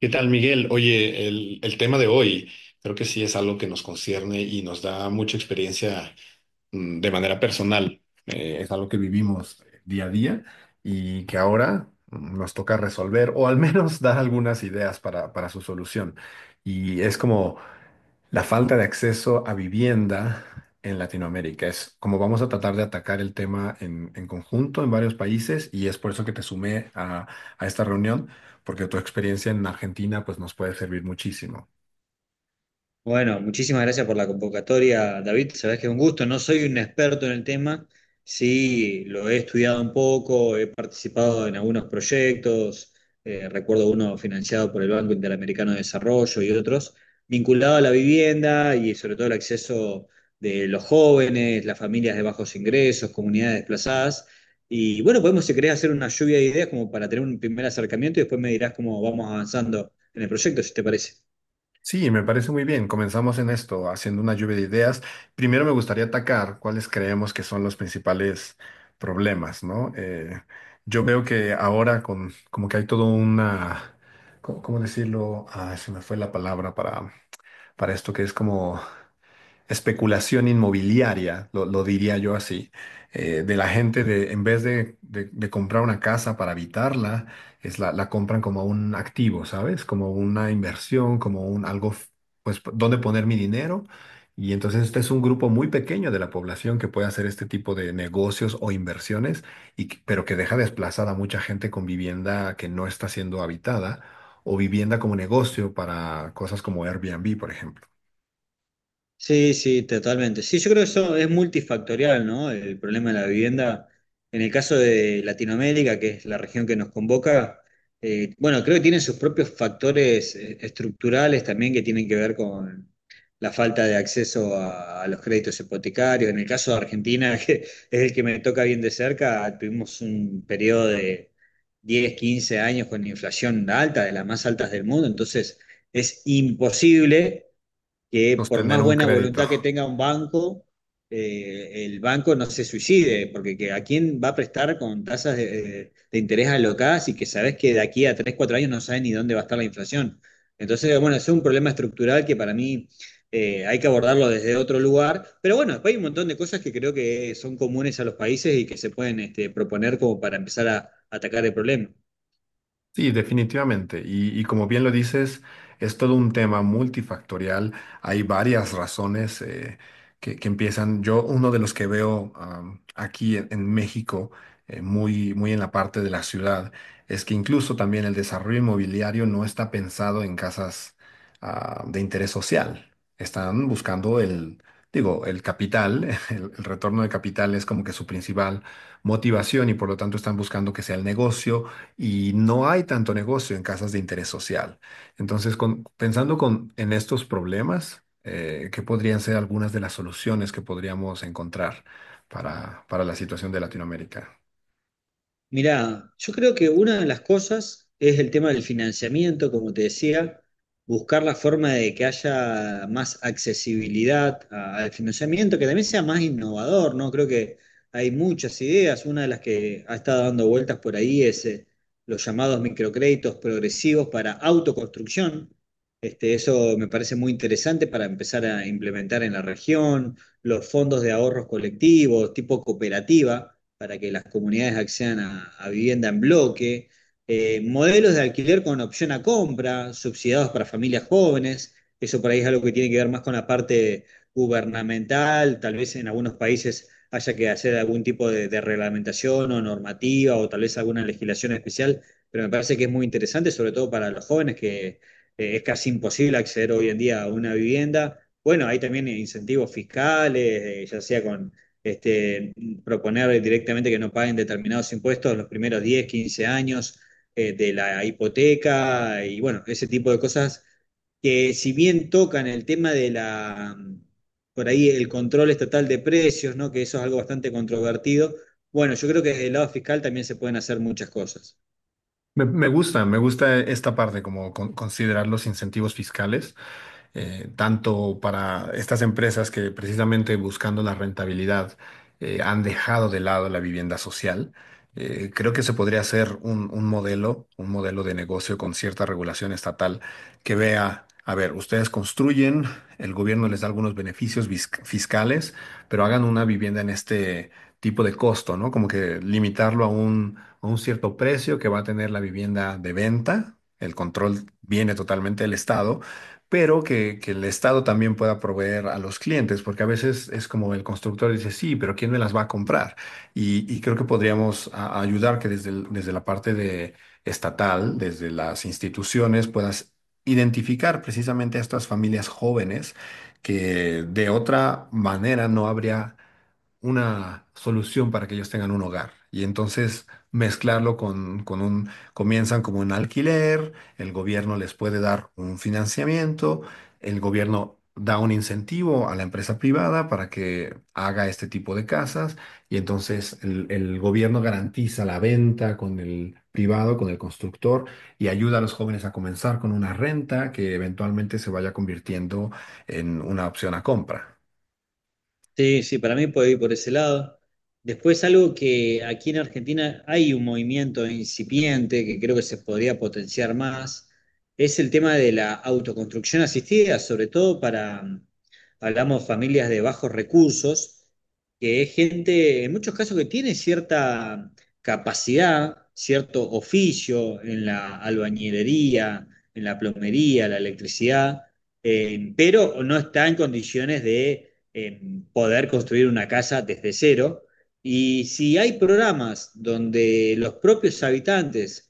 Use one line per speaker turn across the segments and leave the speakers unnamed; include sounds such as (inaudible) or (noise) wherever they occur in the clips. ¿Qué tal, Miguel? Oye, el tema de hoy creo que sí es algo que nos concierne y nos da mucha experiencia de manera personal. Es algo que vivimos día a día y que ahora nos toca resolver o al menos (laughs) dar algunas ideas para su solución. Y es como la falta de acceso a vivienda en Latinoamérica es como vamos a tratar de atacar el tema en conjunto en varios países y es por eso que te sumé a esta reunión, porque tu experiencia en Argentina pues nos puede servir muchísimo.
Bueno, muchísimas gracias por la convocatoria, David. Sabés que es un gusto. No soy un experto en el tema, sí lo he estudiado un poco, he participado en algunos proyectos, recuerdo uno financiado por el Banco Interamericano de Desarrollo y otros, vinculado a la vivienda y sobre todo el acceso de los jóvenes, las familias de bajos ingresos, comunidades desplazadas. Y bueno, podemos, si querés, hacer una lluvia de ideas como para tener un primer acercamiento y después me dirás cómo vamos avanzando en el proyecto, si te parece.
Sí, me parece muy bien. Comenzamos en esto, haciendo una lluvia de ideas. Primero me gustaría atacar cuáles creemos que son los principales problemas, ¿no? Yo veo que ahora como que hay todo una, ¿cómo decirlo? Ah, se me fue la palabra para esto que es como especulación inmobiliaria, lo diría yo así, de la gente de, en vez de, de comprar una casa para habitarla, es la compran como un activo, ¿sabes? Como una inversión, como un algo, dónde poner mi dinero. Y entonces este es un grupo muy pequeño de la población que puede hacer este tipo de negocios o inversiones, pero que deja desplazada a mucha gente con vivienda que no está siendo habitada o vivienda como negocio para cosas como Airbnb, por ejemplo.
Sí, sí, totalmente. Sí, yo creo que eso es multifactorial, ¿no? El problema de la vivienda. En el caso de Latinoamérica, que es la región que nos convoca, bueno, creo que tienen sus propios factores estructurales también que tienen que ver con la falta de acceso a los créditos hipotecarios. En el caso de Argentina, (laughs) que es el que me toca bien de cerca, tuvimos un periodo de 10, 15 años con inflación alta, de las más altas del mundo, entonces es imposible que por
Sostener
más
un
buena
crédito.
voluntad que tenga un banco, el banco no se suicide, porque ¿a quién va a prestar con tasas de interés alocadas y que sabes que de aquí a 3 4 años no sabes ni dónde va a estar la inflación? Entonces, bueno, es un problema estructural que para mí hay que abordarlo desde otro lugar, pero bueno, después hay un montón de cosas que creo que son comunes a los países y que se pueden este, proponer como para empezar a atacar el problema.
Sí, definitivamente. Y como bien lo dices, es todo un tema multifactorial. Hay varias razones que empiezan. Yo, uno de los que veo aquí en México, muy en la parte de la ciudad, es que incluso también el desarrollo inmobiliario no está pensado en casas de interés social. Están buscando el capital, (laughs) el retorno de capital es como que su principal motivación y por lo tanto están buscando que sea el negocio y no hay tanto negocio en casas de interés social. Entonces, en estos problemas, ¿qué podrían ser algunas de las soluciones que podríamos encontrar para la situación de Latinoamérica?
Mirá, yo creo que una de las cosas es el tema del financiamiento, como te decía, buscar la forma de que haya más accesibilidad al financiamiento, que también sea más innovador, ¿no? Creo que hay muchas ideas. Una de las que ha estado dando vueltas por ahí es los llamados microcréditos progresivos para autoconstrucción. Este, eso me parece muy interesante para empezar a implementar en la región, los fondos de ahorros colectivos, tipo cooperativa para que las comunidades accedan a vivienda en bloque, modelos de alquiler con opción a compra, subsidiados para familias jóvenes. Eso por ahí es algo que tiene que ver más con la parte gubernamental, tal vez en algunos países haya que hacer algún tipo de reglamentación o normativa o tal vez alguna legislación especial, pero me parece que es muy interesante, sobre todo para los jóvenes que es casi imposible acceder hoy en día a una vivienda. Bueno, hay también incentivos fiscales, ya sea con este, proponer directamente que no paguen determinados impuestos los primeros 10 15 años de la hipoteca. Y bueno, ese tipo de cosas que si bien tocan el tema de la, por ahí el control estatal de precios, ¿no? Que eso es algo bastante controvertido, bueno, yo creo que desde el lado fiscal también se pueden hacer muchas cosas.
Me gusta, me gusta esta parte, como considerar los incentivos fiscales tanto para estas empresas que precisamente buscando la rentabilidad han dejado de lado la vivienda social. Creo que se podría hacer un modelo de negocio con cierta regulación estatal que vea, a ver, ustedes construyen, el gobierno les da algunos beneficios fiscales, pero hagan una vivienda en este tipo de costo, ¿no? Como que limitarlo a a un cierto precio que va a tener la vivienda de venta. El control viene totalmente del Estado pero que el Estado también pueda proveer a los clientes, porque a veces es como el constructor dice, sí, pero ¿quién me las va a comprar? Y creo que podríamos ayudar que desde, desde la parte de estatal, desde las instituciones, puedas identificar precisamente a estas familias jóvenes que de otra manera no habría una solución para que ellos tengan un hogar. Y entonces mezclarlo comienzan como un alquiler, el gobierno les puede dar un financiamiento, el gobierno da un incentivo a la empresa privada para que haga este tipo de casas y entonces el gobierno garantiza la venta con el privado, con el constructor y ayuda a los jóvenes a comenzar con una renta que eventualmente se vaya convirtiendo en una opción a compra.
Sí, sí, para mí puede ir por ese lado. Después algo que aquí en Argentina hay un movimiento incipiente que creo que se podría potenciar más, es el tema de la autoconstrucción asistida, sobre todo para, hablamos familias de bajos recursos, que es gente, en muchos casos, que tiene cierta capacidad, cierto oficio en la albañilería, en la plomería, la electricidad, pero no está en condiciones de eh, poder construir una casa desde cero. Y si hay programas donde los propios habitantes,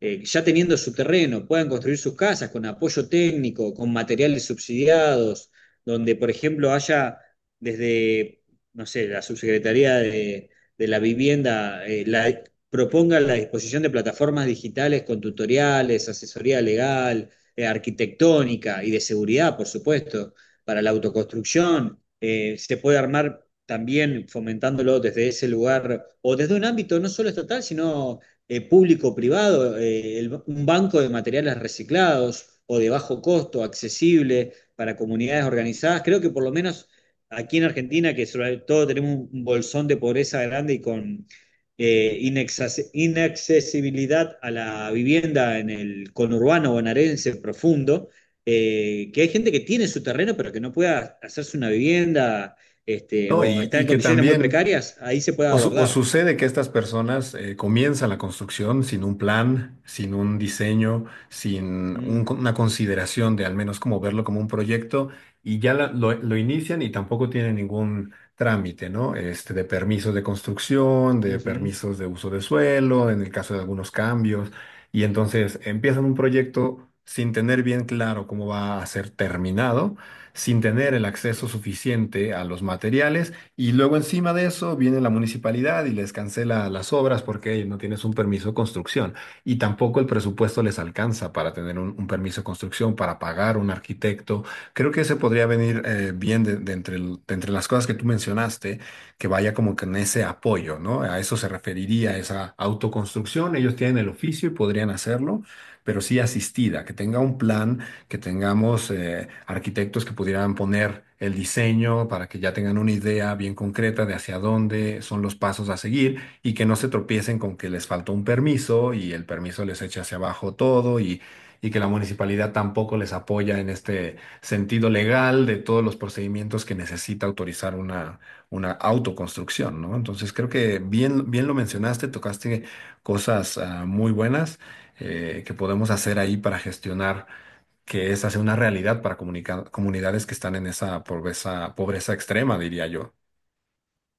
ya teniendo su terreno, puedan construir sus casas con apoyo técnico, con materiales subsidiados, donde, por ejemplo, haya desde, no sé, la subsecretaría de la vivienda, la, proponga la disposición de plataformas digitales con tutoriales, asesoría legal, arquitectónica y de seguridad, por supuesto, para la autoconstrucción se puede armar también fomentándolo desde ese lugar o desde un ámbito no solo estatal, sino público-privado, un banco de materiales reciclados o de bajo costo, accesible para comunidades organizadas. Creo que por lo menos aquí en Argentina, que sobre todo tenemos un bolsón de pobreza grande y con eh, inaccesibilidad a la vivienda en el conurbano bonaerense profundo, que hay gente que tiene su terreno pero que no pueda hacerse una vivienda este,
¿No?
o está
Y
en
que
condiciones muy
también
precarias, ahí se puede
o, o
abordar.
sucede que estas personas comienzan la construcción sin un plan, sin un diseño, sin
Mm,
una consideración de al menos como verlo como un proyecto y ya lo inician y tampoco tienen ningún trámite, ¿no? Este, de permisos de construcción, de
ujú.
permisos de uso de suelo, en el caso de algunos cambios. Y entonces empiezan un proyecto sin tener bien claro cómo va a ser terminado, sin tener el acceso suficiente a los materiales y luego encima de eso viene la municipalidad y les cancela las obras porque no tienes un permiso de construcción y tampoco el presupuesto les alcanza para tener un permiso de construcción, para pagar un arquitecto. Creo que ese podría venir bien de entre las cosas que tú mencionaste, que vaya como que en ese apoyo, ¿no? A eso se referiría esa autoconstrucción. Ellos tienen el oficio y podrían hacerlo, pero sí asistida, que tenga un plan que tengamos arquitectos que pudieran poner el diseño para que ya tengan una idea bien concreta de hacia dónde son los pasos a seguir y que no se tropiecen con que les faltó un permiso y el permiso les echa hacia abajo todo y que la municipalidad tampoco les apoya en este sentido legal de todos los procedimientos que necesita autorizar una autoconstrucción, ¿no? Entonces creo que bien, bien lo mencionaste, tocaste cosas muy buenas que podemos hacer ahí para gestionar que es hacer una realidad para comunidades que están en esa pobreza, pobreza extrema, diría yo.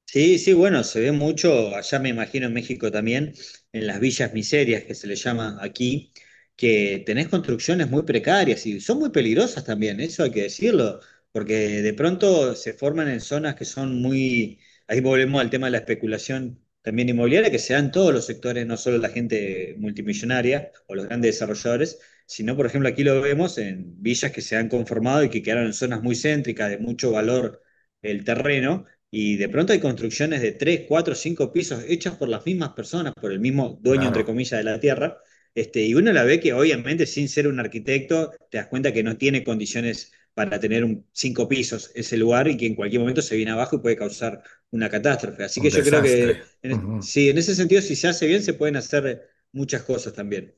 Sí, sí, bueno, se ve mucho, allá me imagino en México también, en las villas miserias que se le llama aquí, que tenés construcciones muy precarias y son muy peligrosas también, eso hay que decirlo, porque de pronto se forman en zonas que son muy, ahí volvemos al tema de la especulación también inmobiliaria, que se da en todos los sectores, no solo la gente multimillonaria o los grandes desarrolladores, sino por ejemplo aquí lo vemos en villas que se han conformado y que quedaron en zonas muy céntricas de mucho valor el terreno y de pronto hay construcciones de 3, 4, 5 pisos hechas por las mismas personas, por el mismo dueño, entre
Claro,
comillas, de la tierra. Este, y uno la ve que obviamente sin ser un arquitecto te das cuenta que no tiene condiciones para tener un, 5 pisos ese lugar y que en cualquier momento se viene abajo y puede causar una catástrofe. Así
un
que yo creo
desastre.
que en,
Ujú.
sí, en ese sentido, si se hace bien, se pueden hacer muchas cosas también.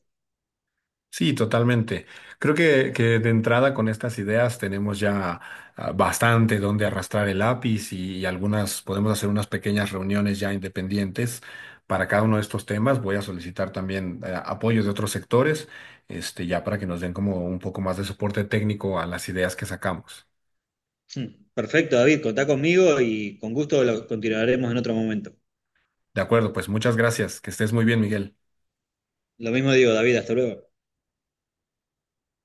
Sí, totalmente. Creo que de entrada con estas ideas tenemos ya bastante donde arrastrar el lápiz y algunas, podemos hacer unas pequeñas reuniones ya independientes para cada uno de estos temas. Voy a solicitar también apoyo de otros sectores, este, ya para que nos den como un poco más de soporte técnico a las ideas que sacamos.
Hmm. Perfecto, David, contá conmigo y con gusto lo continuaremos en otro momento.
De acuerdo, pues muchas gracias. Que estés muy bien, Miguel.
Lo mismo digo, David, hasta luego.